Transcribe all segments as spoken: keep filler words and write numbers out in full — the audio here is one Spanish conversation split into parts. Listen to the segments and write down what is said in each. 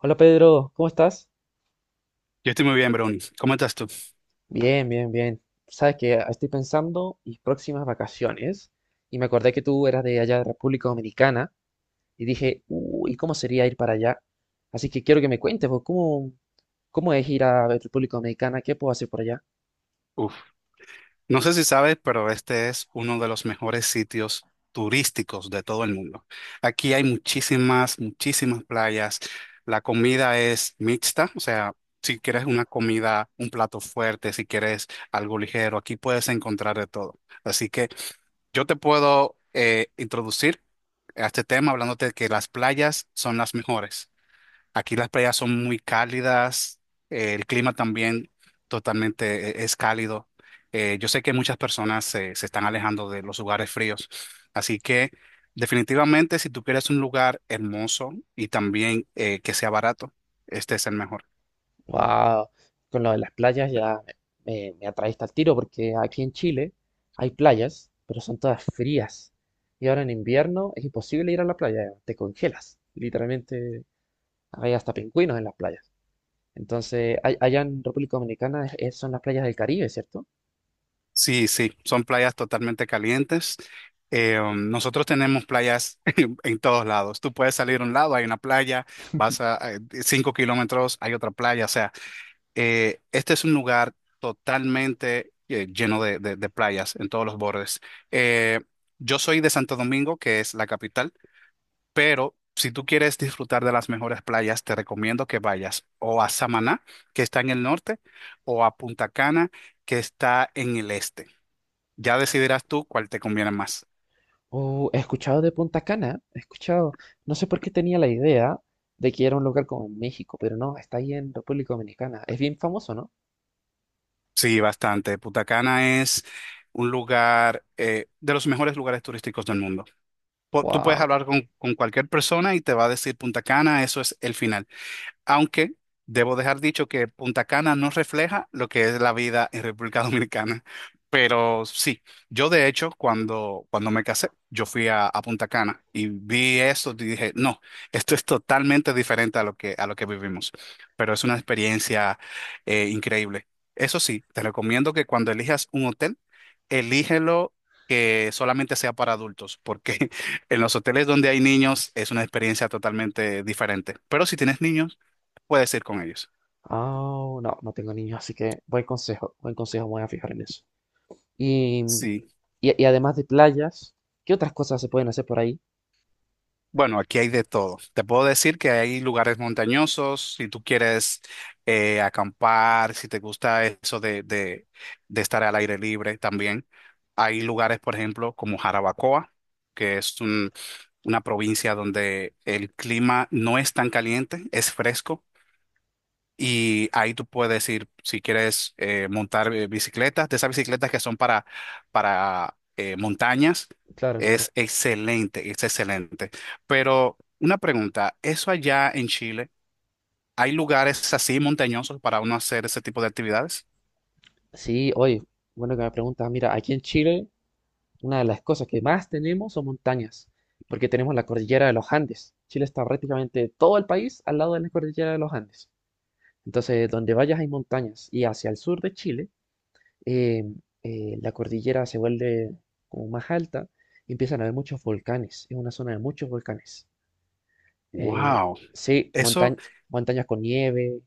Hola Pedro, ¿cómo estás? Yo estoy muy bien, Brony. ¿Cómo estás tú? Bien, bien, bien. Sabes que estoy pensando mis próximas vacaciones y me acordé que tú eras de allá de República Dominicana y dije, uy, ¿cómo sería ir para allá? Así que quiero que me cuentes, vos, ¿cómo, ¿cómo es ir a República Dominicana? ¿Qué puedo hacer por allá? Uf. No sé si sabes, pero este es uno de los mejores sitios turísticos de todo el mundo. Aquí hay muchísimas, muchísimas playas. La comida es mixta, o sea, si quieres una comida, un plato fuerte, si quieres algo ligero, aquí puedes encontrar de todo. Así que yo te puedo eh, introducir a este tema hablándote de que las playas son las mejores. Aquí las playas son muy cálidas, eh, el clima también totalmente eh, es cálido. Eh, yo sé que muchas personas se, se están alejando de los lugares fríos, así que definitivamente si tú quieres un lugar hermoso y también eh, que sea barato, este es el mejor. Wow, con lo de las playas ya me, me, me atraíste al tiro porque aquí en Chile hay playas, pero son todas frías. Y ahora en invierno es imposible ir a la playa, te congelas, literalmente. Hay hasta pingüinos en las playas. Entonces, a- allá en República Dominicana es- es- son las playas del Caribe, ¿cierto? Sí, sí, son playas totalmente calientes. Eh, um, nosotros tenemos playas en todos lados. Tú puedes salir a un lado, hay una playa, vas a eh, cinco kilómetros, hay otra playa, o sea. Eh, este es un lugar totalmente eh, lleno de, de- de playas en todos los bordes. Eh, yo soy de Santo Domingo, que es la capital, pero si tú quieres disfrutar de las mejores playas, te recomiendo que vayas o a Samaná, que está en el norte, o a Punta Cana, que está en el este. Ya decidirás tú cuál te conviene más. Oh, he escuchado de Punta Cana, he escuchado, no sé por qué tenía la idea de que era un lugar como en México, pero no, está ahí en República Dominicana. Es bien famoso, ¿no? Sí, bastante. Punta Cana es un lugar eh, de los mejores lugares turísticos del mundo. Po- tú puedes Wow. hablar con, con cualquier persona y te va a decir Punta Cana, eso es el final. Aunque debo dejar dicho que Punta Cana no refleja lo que es la vida en República Dominicana. Pero sí, yo de hecho cuando, cuando me casé, yo fui a, a Punta Cana y vi eso y dije, no, esto es totalmente diferente a lo que, a lo que vivimos. Pero es una experiencia eh, increíble. Eso sí, te recomiendo que cuando elijas un hotel, elígelo que solamente sea para adultos, porque en los hoteles donde hay niños es una experiencia totalmente diferente. Pero si tienes niños, puedes ir con ellos. Ah, no, no tengo niños, así que buen consejo, buen consejo, me voy a fijar en eso. Y, Sí. y, y además de playas, ¿qué otras cosas se pueden hacer por ahí? Bueno, aquí hay de todo. Te puedo decir que hay lugares montañosos, si tú quieres eh, acampar, si te gusta eso de, de, de estar al aire libre también. Hay lugares, por ejemplo, como Jarabacoa, que es un- una provincia donde el clima no es tan caliente, es fresco. Y ahí tú puedes ir, si quieres eh, montar eh, bicicletas, de esas bicicletas que son para, para eh, montañas, Claro, claro. es excelente, es excelente. Pero una pregunta, ¿eso allá en Chile, hay lugares así montañosos para uno hacer ese tipo de actividades? Sí, oye, bueno que me preguntas, mira, aquí en Chile una de las cosas que más tenemos son montañas, porque tenemos la cordillera de los Andes. Chile está prácticamente todo el país al lado de la cordillera de los Andes. Entonces, donde vayas hay montañas. Y hacia el sur de Chile, eh, eh, la cordillera se vuelve como más alta y empiezan a haber muchos volcanes. Es una zona de muchos volcanes. Eh, Wow, sí, eso, monta- montañas con nieve.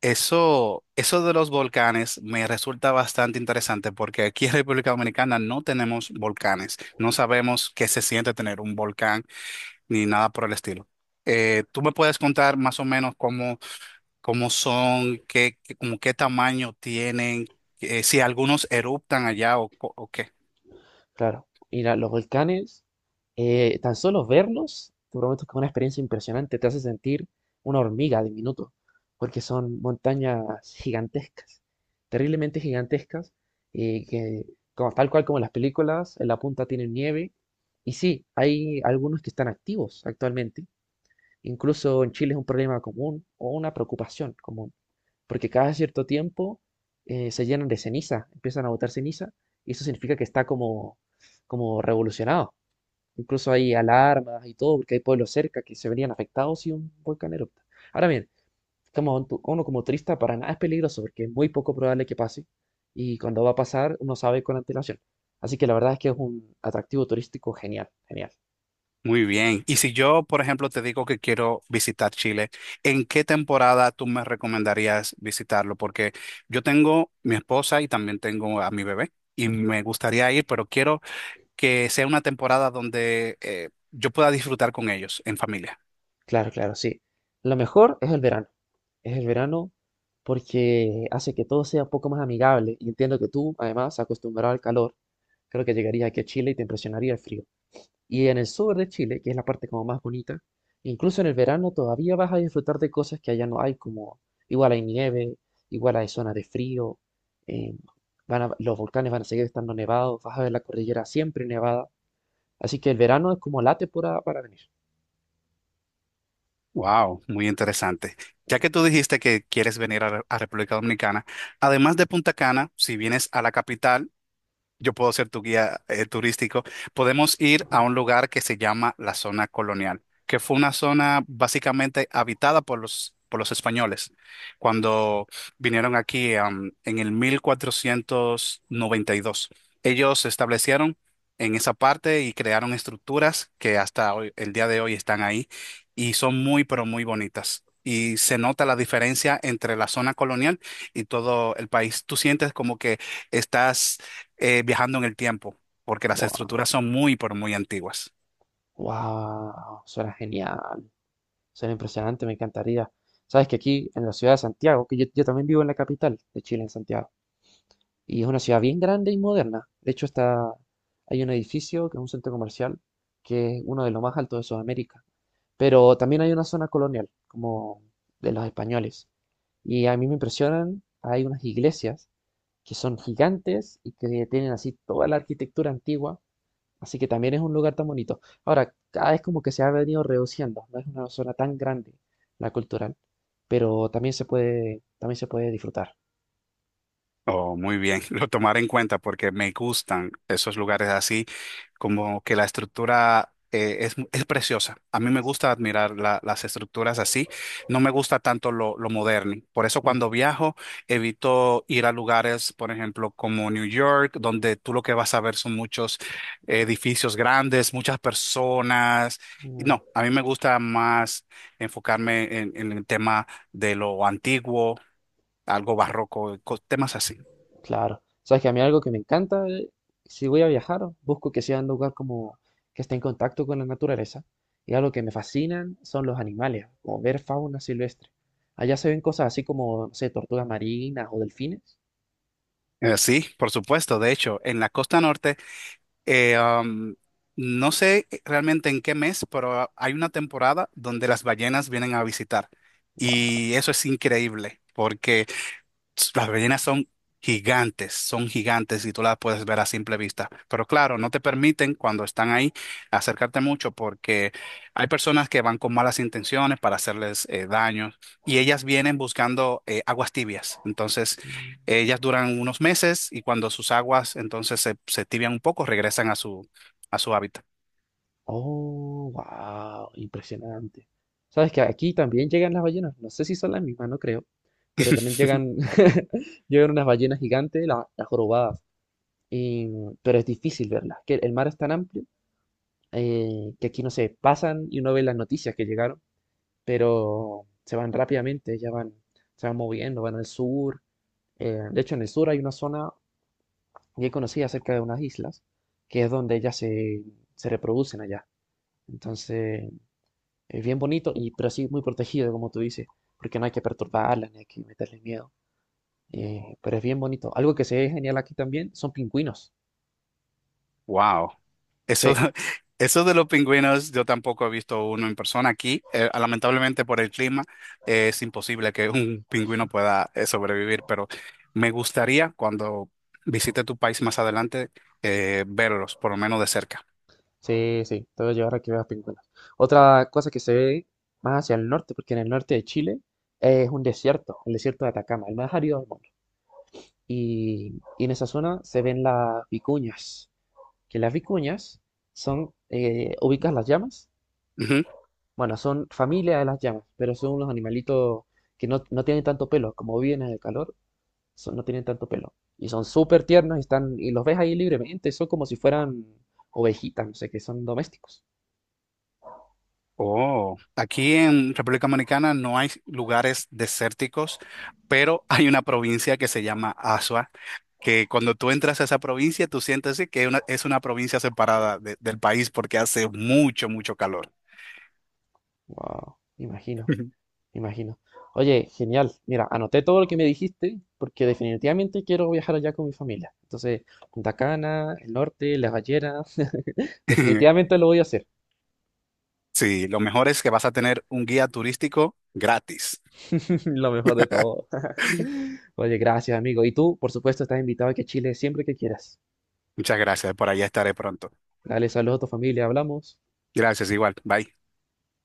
eso, eso de los volcanes me resulta bastante interesante porque aquí en República Dominicana no tenemos volcanes, no sabemos qué se siente tener un volcán ni nada por el estilo. Eh, ¿tú me puedes contar más o menos cómo, cómo son, qué, qué- como qué tamaño tienen, eh, si algunos eruptan allá o, co- o qué? Claro, mira, los volcanes, eh, tan solo verlos, te prometo que es una experiencia impresionante, te hace sentir una hormiga de minuto, porque son montañas gigantescas, terriblemente gigantescas, y que como, tal cual como en las películas, en la punta tienen nieve, y sí, hay algunos que están activos actualmente. Incluso en Chile es un problema común o una preocupación común porque cada cierto tiempo eh, se llenan de ceniza, empiezan a botar ceniza, y eso significa que está como, como revolucionado. Incluso hay alarmas y todo, porque hay pueblos cerca que se verían afectados si un volcán erupta. Ahora bien, como tu- uno como turista para nada es peligroso, porque es muy poco probable que pase, y cuando va a pasar uno sabe con antelación. Así que la verdad es que es un atractivo turístico genial, genial. Muy bien. Y si yo, por ejemplo, te digo que quiero visitar Chile, ¿en qué temporada tú me recomendarías visitarlo? Porque yo tengo mi esposa y también tengo a mi bebé y me gustaría ir, pero quiero que sea una temporada donde eh, yo pueda disfrutar con ellos en familia. Claro, claro, sí. Lo mejor es el verano. Es el verano porque hace que todo sea un poco más amigable. Y entiendo que tú, además, acostumbrado al calor, creo que llegarías aquí a Chile y te impresionaría el frío. Y en el sur de Chile, que es la parte como más bonita, incluso en el verano todavía vas a disfrutar de cosas que allá no hay, como igual hay nieve, igual hay zonas de frío, eh, van a- los volcanes van a seguir estando nevados, vas a ver la cordillera siempre nevada. Así que el verano es como la temporada para venir. Wow, muy interesante. Ya que tú dijiste que quieres venir a, Re- a República Dominicana, además de Punta Cana, si vienes a la capital, yo puedo ser tu guía eh, turístico. Podemos ir a un lugar que se llama la zona colonial, que fue una zona básicamente habitada por los, por los españoles cuando vinieron aquí, am, en el mil cuatrocientos noventa y dos. Ellos se establecieron en esa parte y crearon estructuras que hasta hoy- el día de hoy están ahí y son muy, pero muy bonitas. Y se nota la diferencia entre la zona colonial y todo el país. Tú sientes como que estás eh, viajando en el tiempo, porque las estructuras son muy, pero muy antiguas. Wow, suena genial, suena impresionante, me encantaría. Sabes que aquí en la ciudad de Santiago, que yo, yo también vivo en la capital de Chile, en Santiago, y es una ciudad bien grande y moderna. De hecho, está, hay un edificio que es un centro comercial que es uno de los más altos de Sudamérica, pero también hay una zona colonial, como de los españoles. Y a mí me impresionan, hay unas iglesias que son gigantes y que tienen así toda la arquitectura antigua. Así que también es un lugar tan bonito. Ahora, cada vez como que se ha venido reduciendo, no es una zona tan grande la cultural, pero también se puede, también se puede disfrutar. Oh, muy bien, lo tomaré en cuenta porque me gustan esos lugares así, como que la estructura eh, es, es preciosa. A mí me Sí. gusta admirar la- las estructuras así, no me gusta tanto lo, lo moderno. Por eso Mm, cuando viajo evito ir a lugares, por ejemplo, como New York, donde tú lo que vas a ver son muchos eh, edificios grandes, muchas personas. mm, No, a mí me gusta más enfocarme en, en el tema de lo antiguo, algo barroco, co- temas así. claro. Sabes que a mí algo que me encanta, eh, si voy a viajar, busco que sea un lugar como que esté en contacto con la naturaleza. Y algo que me fascinan son los animales, como ver fauna silvestre. Allá se ven cosas así como, no sé, tortugas marinas o delfines. Eh, Sí, por supuesto. De hecho, en la costa norte, eh, am, no sé realmente en qué mes, pero hay una temporada donde las ballenas vienen a visitar. Wow. Y eso es increíble, porque las ballenas son gigantes, son gigantes y tú las puedes ver a simple vista. Pero claro, no te permiten cuando están ahí acercarte mucho porque hay personas que van con malas intenciones para hacerles eh, daño y ellas vienen buscando eh, aguas tibias. Entonces, ellas duran unos meses y cuando sus aguas entonces se, se tibian un poco, regresan a su, a su hábitat. Oh, wow, impresionante. Sabes que aquí también llegan las ballenas, no sé si son las mismas, no creo, pero también llegan, llegan unas ballenas gigantes, la- las jorobadas, y pero es difícil verlas, que el mar es tan amplio eh, que aquí no se pasan y uno ve las noticias que llegaron, pero se van rápidamente, ya van, se van moviendo, van al sur. eh, de hecho, en el sur hay una zona bien conocida cerca de unas islas, que es donde ellas se, se reproducen allá. Entonces eh, bien bonito, y, pero sí muy protegido, como tú dices, porque no hay que perturbarla, ni hay que meterle miedo. Eh, pero es bien bonito. Algo que se ve genial aquí también son pingüinos. Wow. Eso, Sí, de- eso de los pingüinos, yo tampoco he visto uno en persona aquí. Eh, ah, lamentablemente por el clima, eh, es imposible que un pingüino pueda eh, sobrevivir, pero me gustaría cuando visite tu país más adelante, eh, verlos, por lo menos de cerca. sí, sí, te voy a llevar a que veas pingüinos. Otra cosa que se ve más hacia el norte, porque en el norte de Chile es un desierto, el desierto de Atacama, el más árido del mundo. Y, y en esa zona se ven las vicuñas, que las vicuñas son, eh, ubicas las llamas. Ujú. Bueno, son familia de las llamas, pero son unos animalitos que no, no tienen tanto pelo. Como viven en el calor, son- no tienen tanto pelo. Y son súper tiernos y, están, y los ves ahí libremente. Son como si fueran ovejitas, no sé, que son domésticos. Oh, aquí en República Dominicana no hay lugares desérticos, pero hay una provincia que se llama Asua que cuando tú entras a esa provincia, tú sientes sí, que una- es una provincia separada de- del país porque hace mucho, mucho calor. Wow, imagino, imagino. Oye, genial. Mira, anoté todo lo que me dijiste porque definitivamente quiero viajar allá con mi familia. Entonces, Punta Cana, el norte, Las Ballenas. Definitivamente lo voy a hacer. Sí, lo mejor es que vas a tener un guía turístico gratis. Lo mejor de todo. Oye, gracias, amigo. Y tú, por supuesto, estás invitado aquí a Chile siempre que quieras. Muchas gracias, por allá estaré pronto. Dale saludos a tu familia, hablamos. Gracias, igual, bye.